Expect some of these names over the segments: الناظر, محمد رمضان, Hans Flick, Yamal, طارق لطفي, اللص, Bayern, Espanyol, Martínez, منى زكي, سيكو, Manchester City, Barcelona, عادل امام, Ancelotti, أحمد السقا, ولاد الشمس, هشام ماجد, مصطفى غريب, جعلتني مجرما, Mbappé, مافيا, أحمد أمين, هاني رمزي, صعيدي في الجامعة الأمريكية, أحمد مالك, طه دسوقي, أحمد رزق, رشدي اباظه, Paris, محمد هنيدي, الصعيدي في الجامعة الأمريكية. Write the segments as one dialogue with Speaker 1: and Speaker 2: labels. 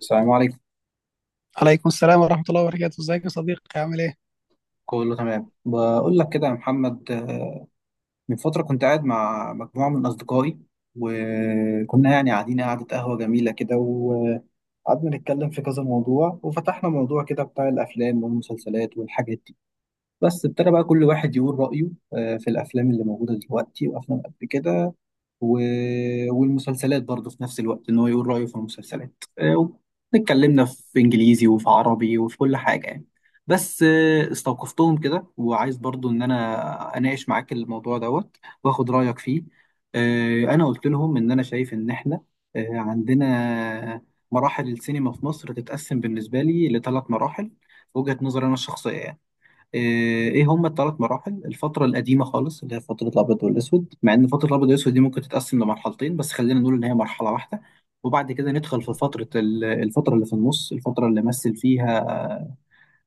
Speaker 1: السلام عليكم.
Speaker 2: عليكم السلام ورحمة الله وبركاته، ازيك يا صديقي؟ عامل ايه؟
Speaker 1: كله تمام، بقول لك كده يا محمد. من فترة كنت قاعد مع مجموعة من أصدقائي، وكنا يعني قاعدين قعدة قهوة جميلة كده، وقعدنا نتكلم في كذا موضوع، وفتحنا موضوع كده بتاع الأفلام والمسلسلات والحاجات دي. بس ابتدى بقى كل واحد يقول رأيه في الأفلام اللي موجودة دلوقتي وأفلام قبل كده، و... والمسلسلات برضه في نفس الوقت، ان هو يقول رأيه في المسلسلات. اتكلمنا في انجليزي وفي عربي وفي كل حاجة يعني. بس استوقفتهم كده، وعايز برضه ان انا اناقش معاك الموضوع دوت واخد رأيك فيه. انا قلت لهم ان انا شايف ان احنا عندنا مراحل السينما في مصر تتقسم بالنسبة لي لثلاث مراحل، وجهة نظري انا الشخصية يعني. آه، ايه هم الثلاث مراحل؟ الفتره القديمه خالص اللي هي فتره الابيض والاسود، مع ان فتره الابيض والاسود دي ممكن تتقسم لمرحلتين، بس خلينا نقول ان هي مرحله واحده. وبعد كده ندخل في فتره الفتره اللي في النص، الفتره اللي مثل فيها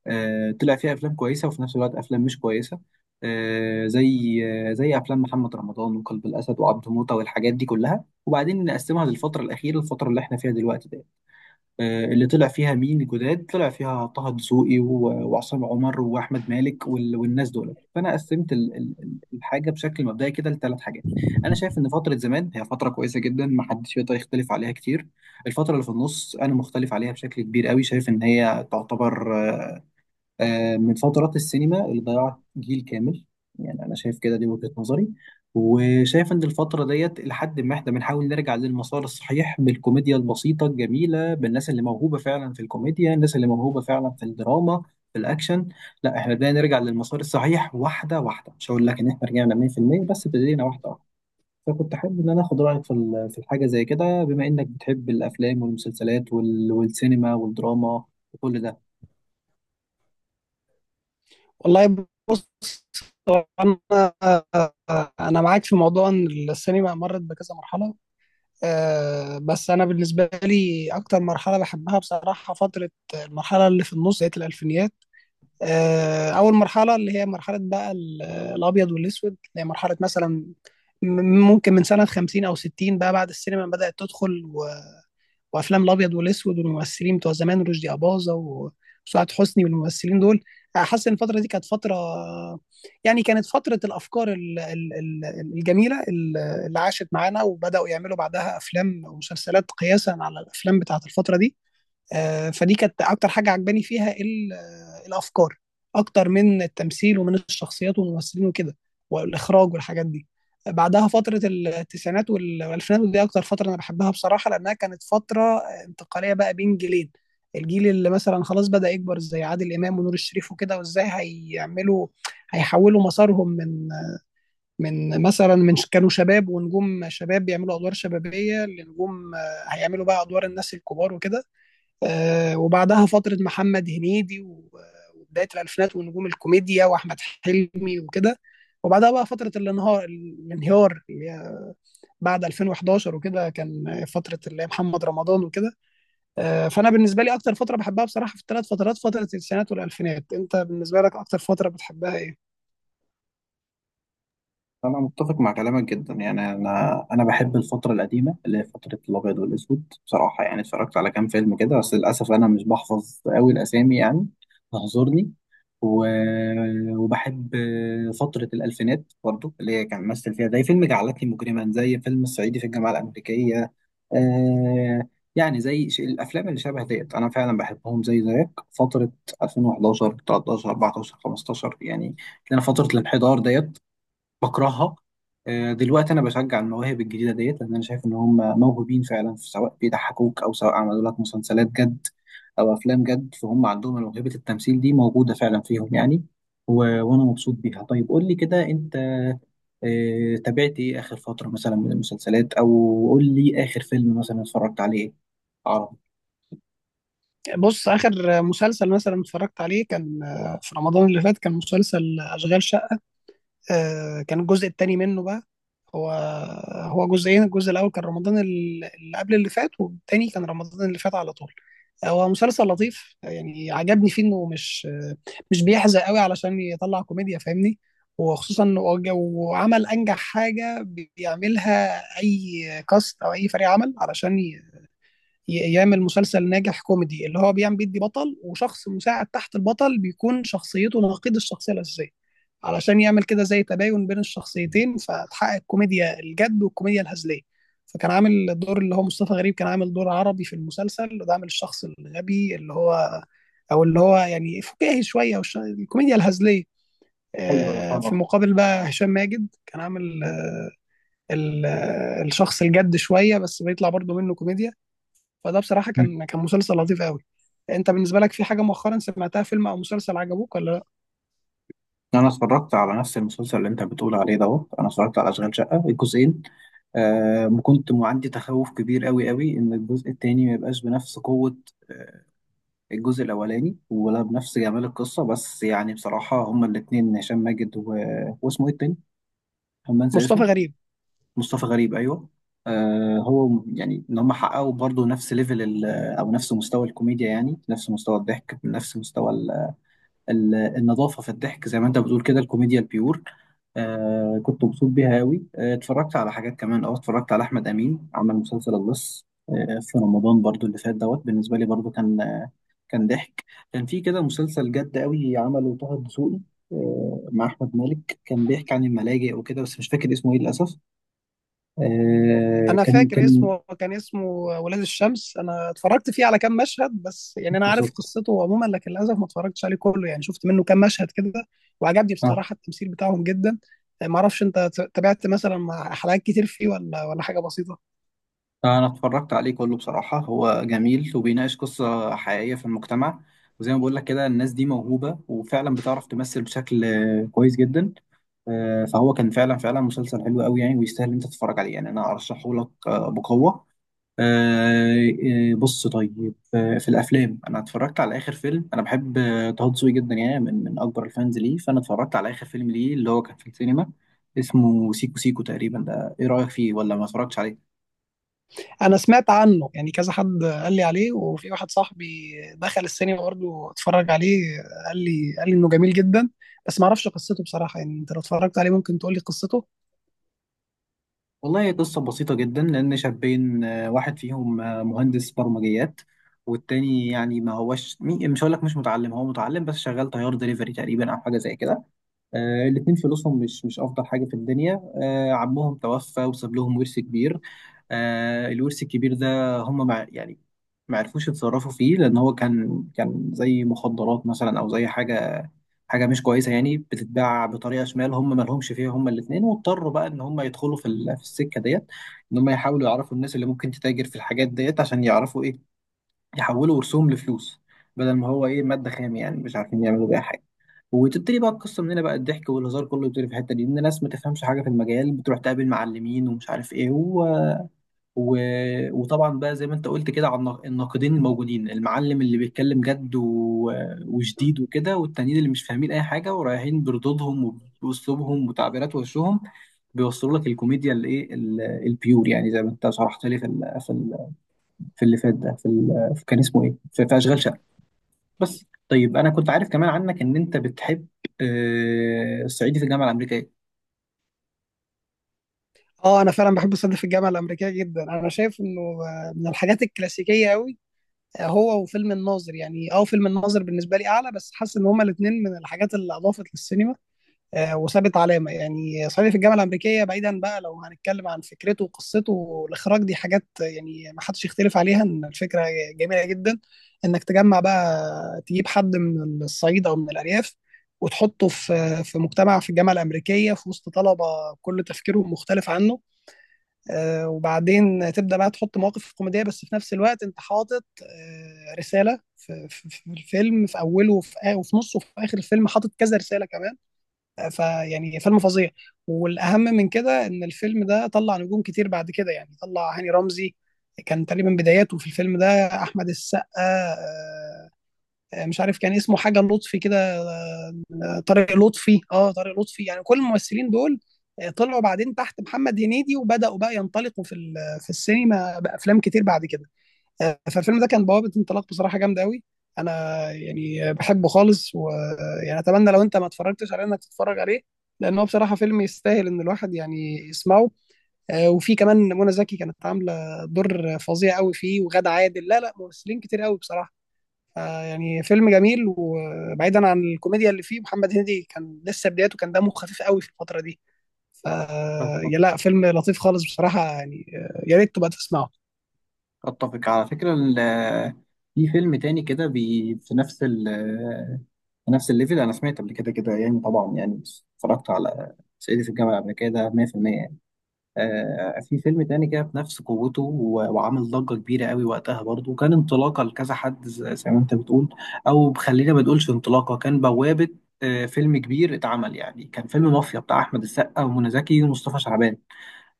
Speaker 1: طلع فيها افلام كويسه، وفي نفس الوقت افلام مش كويسه. آه، زي زي افلام محمد رمضان وقلب الاسد وعبده موته والحاجات دي كلها. وبعدين نقسمها للفتره الاخيره، الفتره اللي احنا فيها دلوقتي، اللي طلع فيها مين جداد، طلع فيها طه دسوقي وعصام عمر واحمد مالك والناس دول. فانا قسمت الحاجه بشكل مبدئي كده لثلاث حاجات. انا شايف ان فتره زمان هي فتره كويسه جدا، ما حدش يقدر يختلف عليها كتير. الفتره اللي في النص انا مختلف عليها بشكل كبير قوي، شايف ان هي تعتبر من فترات السينما اللي ضيعت جيل كامل يعني. أنا شايف كده، دي وجهة نظري. وشايف إن الفترة ديت لحد ما إحنا بنحاول نرجع للمسار الصحيح بالكوميديا البسيطة الجميلة، بالناس اللي موهوبة فعلا في الكوميديا، الناس اللي موهوبة فعلا في الدراما، في الأكشن. لا، إحنا بدأنا نرجع للمسار الصحيح واحدة واحدة. مش هقول لك إن إحنا رجعنا 100%، بس ابتدينا واحدة واحدة. فكنت حابب إن أنا آخد رأيك في في الحاجة زي كده، بما إنك بتحب الأفلام والمسلسلات والسينما والدراما وكل ده.
Speaker 2: والله بص. هو انا انا معاك في موضوع ان السينما مرت بكذا مرحلة. بس انا بالنسبة لي اكتر مرحلة بحبها بصراحة فترة المرحلة اللي في النص، بداية الالفينيات. اول مرحلة اللي هي مرحلة بقى الابيض والاسود، اللي هي مرحلة مثلا م- ممكن من سنة 50 او 60 بقى، بعد السينما بدأت تدخل وافلام الابيض والاسود والممثلين بتوع زمان رشدي اباظه وسعاد حسني والممثلين دول. حاسس ان الفتره دي كانت فتره، يعني كانت فتره الافكار الجميله اللي عاشت معانا، وبداوا يعملوا بعدها افلام ومسلسلات قياسا على الافلام بتاعت الفتره دي. فدي كانت اكتر حاجه عجباني فيها الافكار، اكتر من التمثيل ومن الشخصيات والممثلين وكده والاخراج والحاجات دي. بعدها فتره التسعينات والالفينات، ودي اكتر فتره انا بحبها بصراحه لانها كانت فتره انتقاليه بقى بين جيلين. الجيل اللي مثلا خلاص بدأ يكبر زي عادل امام ونور الشريف وكده، وازاي هيعملوا، هيحولوا مسارهم من كانوا شباب ونجوم شباب بيعملوا ادوار شبابيه لنجوم، هيعملوا بقى ادوار الناس الكبار وكده. وبعدها فترة محمد هنيدي وبداية الألفينات ونجوم الكوميديا، وأحمد حلمي وكده. وبعدها بقى فترة الانهيار اللي هي بعد 2011 وكده، كان فترة اللي هي محمد رمضان وكده. فأنا بالنسبة لي أكتر فترة بحبها بصراحة في الثلاث فترات فترة التسعينات والألفينات. أنت بالنسبة لك أكتر فترة بتحبها إيه؟
Speaker 1: أنا متفق مع كلامك جدا يعني. أنا بحب الفترة القديمة اللي هي فترة الأبيض والأسود بصراحة، يعني اتفرجت على كام فيلم كده، بس للأسف أنا مش بحفظ أوي الأسامي يعني، تحضرني. و... وبحب فترة الألفينات برضو اللي هي كان مثل فيها، زي فيلم جعلتني مجرما، زي فيلم الصعيدي في الجامعة الأمريكية. آه، يعني زي الأفلام اللي شبه ديت أنا فعلا بحبهم، زي زيك فترة 2011 13 14 15 يعني، لأن فترة الانحدار ديت بكرهها. دلوقتي انا بشجع المواهب الجديده ديت، لان انا شايف ان هم موهوبين فعلا، في سواء بيضحكوك او سواء عملوا لك مسلسلات جد او افلام جد. فهم عندهم موهبه التمثيل دي موجوده فعلا فيهم يعني. و... وانا مبسوط بيها. طيب قول لي كده انت تابعت ايه اخر فتره مثلا من المسلسلات، او قول لي اخر فيلم مثلا اتفرجت عليه عربي.
Speaker 2: بص، آخر مسلسل مثلا اتفرجت عليه كان في رمضان اللي فات، كان مسلسل أشغال شقة. كان الجزء الثاني منه بقى. هو هو جزئين، الجزء الاول كان رمضان اللي قبل اللي فات، والتاني كان رمضان اللي فات على طول. هو مسلسل لطيف يعني، عجبني فيه انه مش بيحزق قوي علشان يطلع كوميديا، فاهمني؟ وخصوصا انه وعمل انجح حاجه بيعملها اي كاست او اي فريق عمل، علشان يعمل مسلسل ناجح كوميدي، اللي هو بيعمل بيدي بطل وشخص مساعد تحت البطل بيكون شخصيته نقيض الشخصية الأساسية، علشان يعمل كده زي تباين بين الشخصيتين فتحقق الكوميديا الجد والكوميديا الهزلية. فكان عامل الدور اللي هو مصطفى غريب، كان عامل دور عربي في المسلسل، وده عامل الشخص الغبي اللي هو، او اللي هو يعني فكاهي شويه الكوميديا الهزليه.
Speaker 1: ايوه، ايوه، فاهم
Speaker 2: في
Speaker 1: قصدك.
Speaker 2: مقابل بقى هشام ماجد كان عامل الشخص الجد شويه بس بيطلع برضه منه كوميديا. فده بصراحة
Speaker 1: مم.
Speaker 2: كان كان مسلسل لطيف قوي. انت بالنسبة لك في حاجة مؤخرا سمعتها، فيلم او مسلسل عجبوك ولا لا؟
Speaker 1: انا اتفرجت على نفس المسلسل اللي انت بتقول عليه دوت، انا اتفرجت على اشغال شقه الجزئين. آه، كنت عندي تخوف كبير قوي قوي ان الجزء التاني ما يبقاش بنفس قوة آه الجزء الاولاني، ولا بنفس جمال القصة. بس يعني بصراحة هما الاتنين هشام ماجد واسمه ايه التاني؟ أنا بنسى
Speaker 2: مصطفى
Speaker 1: اسمه.
Speaker 2: غريب،
Speaker 1: مصطفى غريب، ايوه. آه، هو يعني ان هم حققوا برضه نفس ليفل او نفس مستوى الكوميديا، يعني نفس مستوى الضحك، نفس مستوى النظافه في الضحك، زي ما انت بتقول كده الكوميديا البيور. آه، كنت مبسوط بيها قوي. آه، اتفرجت على حاجات كمان. اه، اتفرجت على احمد امين، عمل مسلسل اللص آه في رمضان برضو اللي فات دوت. بالنسبه لي برضو كان ضحك. كان في كده مسلسل جد قوي عمله طه الدسوقي، آه، مع احمد مالك، كان بيحكي عن الملاجئ وكده، بس مش فاكر اسمه ايه للاسف. آه،
Speaker 2: انا
Speaker 1: كان
Speaker 2: فاكر
Speaker 1: كان
Speaker 2: اسمه، كان اسمه ولاد الشمس. انا اتفرجت فيه على كام مشهد بس يعني، انا عارف
Speaker 1: بالظبط.
Speaker 2: قصته عموما لكن للاسف ما اتفرجتش عليه كله، يعني شفت منه كام مشهد كده. وعجبني
Speaker 1: آه.
Speaker 2: بصراحة التمثيل بتاعهم جدا. ما اعرفش انت تابعت مثلا مع حلقات كتير فيه، ولا حاجة بسيطة؟
Speaker 1: أنا اتفرجت عليه كله بصراحة، هو جميل وبيناقش قصة حقيقية في المجتمع. وزي ما بقول لك كده الناس دي موهوبة وفعلا بتعرف تمثل بشكل كويس جدا. فهو كان فعلا فعلا مسلسل حلو قوي يعني، ويستاهل إن أنت تتفرج عليه يعني، أنا أرشحه لك بقوة. آه، بص، طيب. في الأفلام أنا اتفرجت على آخر فيلم. أنا بحب طه دسوقي جدا يعني، من أكبر الفانز ليه. فأنا اتفرجت على آخر فيلم ليه اللي هو كان في السينما، اسمه سيكو سيكو تقريبا. ده إيه رأيك فيه، ولا ما اتفرجتش عليه؟
Speaker 2: انا سمعت عنه يعني، كذا حد قال لي عليه، وفي واحد صاحبي دخل السينما برضه اتفرج عليه، قال لي انه جميل جدا. بس ما اعرفش قصته بصراحه، يعني انت لو اتفرجت عليه ممكن تقول لي قصته.
Speaker 1: والله هي قصة بسيطة جدا. لأن شابين واحد فيهم مهندس برمجيات، والتاني يعني ما هوش مش هقول لك مش متعلم، هو متعلم، بس شغال طيار دليفري تقريبا، أو حاجة زي كده. الاتنين فلوسهم مش أفضل حاجة في الدنيا. عمهم توفى وساب لهم ورث كبير. الورث الكبير ده هم مع يعني ما عرفوش يتصرفوا فيه، لأن هو كان زي مخدرات مثلا أو زي حاجة، حاجه مش كويسه يعني، بتتباع بطريقه شمال هم ما لهمش فيها هم الاثنين. واضطروا بقى ان هم يدخلوا في في السكه ديت، ان هم يحاولوا يعرفوا الناس اللي ممكن تتاجر في الحاجات ديت عشان يعرفوا ايه، يحولوا رسوم لفلوس، بدل ما هو ايه ماده خام يعني، مش عارفين يعملوا بيها حاجه. وتبتدي بقى القصه من هنا، بقى الضحك والهزار كله يبتدي في الحته دي، ان ناس ما تفهمش حاجه في المجال بتروح تقابل معلمين ومش عارف ايه. و... وطبعا بقى زي ما انت قلت كده، على الناقدين الموجودين، المعلم اللي بيتكلم جد وشديد وكده، والتانيين اللي مش فاهمين اي حاجه ورايحين بردودهم وباسلوبهم وتعبيرات وشهم، بيوصلوا لك الكوميديا الايه البيور، يعني زي ما انت شرحت لي في اللي فات ده، في كان اسمه ايه، في اشغال شقه. بس طيب انا كنت عارف كمان عنك ان انت بتحب الصعيدي في الجامعه الامريكيه.
Speaker 2: اه، انا فعلا بحب صعيدي في الجامعه الامريكيه جدا، انا شايف انه من الحاجات الكلاسيكيه قوي، هو وفيلم الناظر. يعني اه فيلم الناظر بالنسبه لي اعلى، بس حاسس ان هما الاثنين من الحاجات اللي اضافت للسينما وسابت علامة. يعني صعيدي في الجامعة الأمريكية، بعيدا بقى لو هنتكلم عن فكرته وقصته والإخراج، دي حاجات يعني ما حدش يختلف عليها، إن الفكرة جميلة جدا. إنك تجمع بقى، تجيب حد من الصعيد أو من الأرياف وتحطه في مجتمع في الجامعة الأمريكية في وسط طلبة كل تفكيرهم مختلف عنه. وبعدين تبدأ بقى تحط مواقف كوميدية، بس في نفس الوقت أنت حاطط رسالة في في الفيلم، في أوله وفي نصه وفي آخر الفيلم حاطط كذا رسالة كمان. فيعني فيلم فظيع. والاهم من كده ان الفيلم ده طلع نجوم كتير بعد كده، يعني طلع هاني رمزي كان تقريبا بداياته في الفيلم ده، احمد السقا، مش عارف كان اسمه حاجه لطفي كده، طارق لطفي، اه طارق لطفي، يعني كل الممثلين دول طلعوا بعدين تحت محمد هنيدي وبداوا بقى ينطلقوا في في السينما بافلام كتير بعد كده. فالفيلم ده كان بوابة انطلاق بصراحة جامدة قوي. انا يعني بحبه خالص، ويعني اتمنى لو انت ما اتفرجتش عليه انك تتفرج عليه، لان هو بصراحة فيلم يستاهل ان الواحد يعني يسمعه. وفي كمان منى زكي كانت عاملة دور فظيع قوي فيه، وغادة عادل، لا ممثلين كتير قوي بصراحة. يعني فيلم جميل. وبعيدا عن الكوميديا اللي فيه، محمد هنيدي كان لسه بدايته، كان دمه خفيف قوي في الفترة دي. ف يا لا، فيلم لطيف خالص بصراحة، يعني يا ريت تبقى تسمعه.
Speaker 1: اتفق على فكره في فيلم تاني كده بي في نفس ال في نفس الليفل. انا سمعت قبل كده كده يعني طبعا يعني، بس اتفرجت على صعيدي في الجامعه الامريكيه ده 100% يعني. آه، في فيلم تاني كده بنفس قوته وعامل ضجه كبيره قوي وقتها برضه، وكان انطلاقه لكذا حد زي ما انت بتقول. او خلينا ما نقولش انطلاقه، كان بوابه. آه، فيلم كبير اتعمل يعني، كان فيلم مافيا بتاع احمد السقا ومنى زكي ومصطفى شعبان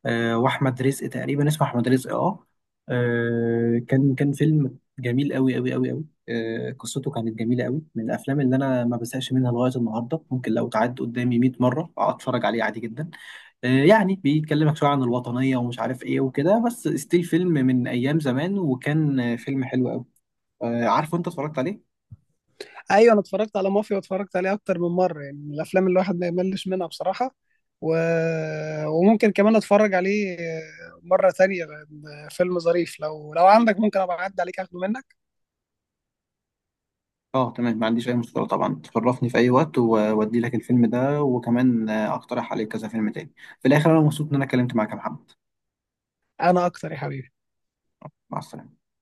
Speaker 1: واحمد رزق تقريبا، اسمه احمد رزق اه. آه، كان فيلم جميل قوي قوي قوي قوي. آه، قصته كانت جميله قوي، من الافلام اللي انا ما بزهقش منها لغايه النهارده. ممكن لو تعد قدامي 100 مره اتفرج عليه عادي جدا. آه، يعني بيتكلمك شويه عن الوطنيه ومش عارف ايه وكده، بس ستيل فيلم من ايام زمان، وكان آه، فيلم حلو قوي. آه، عارفه انت اتفرجت عليه.
Speaker 2: ايوه انا اتفرجت على مافيا، واتفرجت عليه اكتر من مره، يعني من الافلام اللي الواحد ما يملش منها بصراحه. و... وممكن كمان اتفرج عليه مره تانية لأن فيلم ظريف. لو عندك ممكن ابقى اعدي عليك اخده منك.
Speaker 1: اه تمام، ما عنديش اي مشكله طبعا، تشرفني في اي وقت واودي لك الفيلم ده. وكمان اقترح عليك كذا فيلم تاني. في الاخر، انا مبسوط ان انا اتكلمت معاك يا محمد.
Speaker 2: انا اكتر يا حبيبي.
Speaker 1: مع السلامة.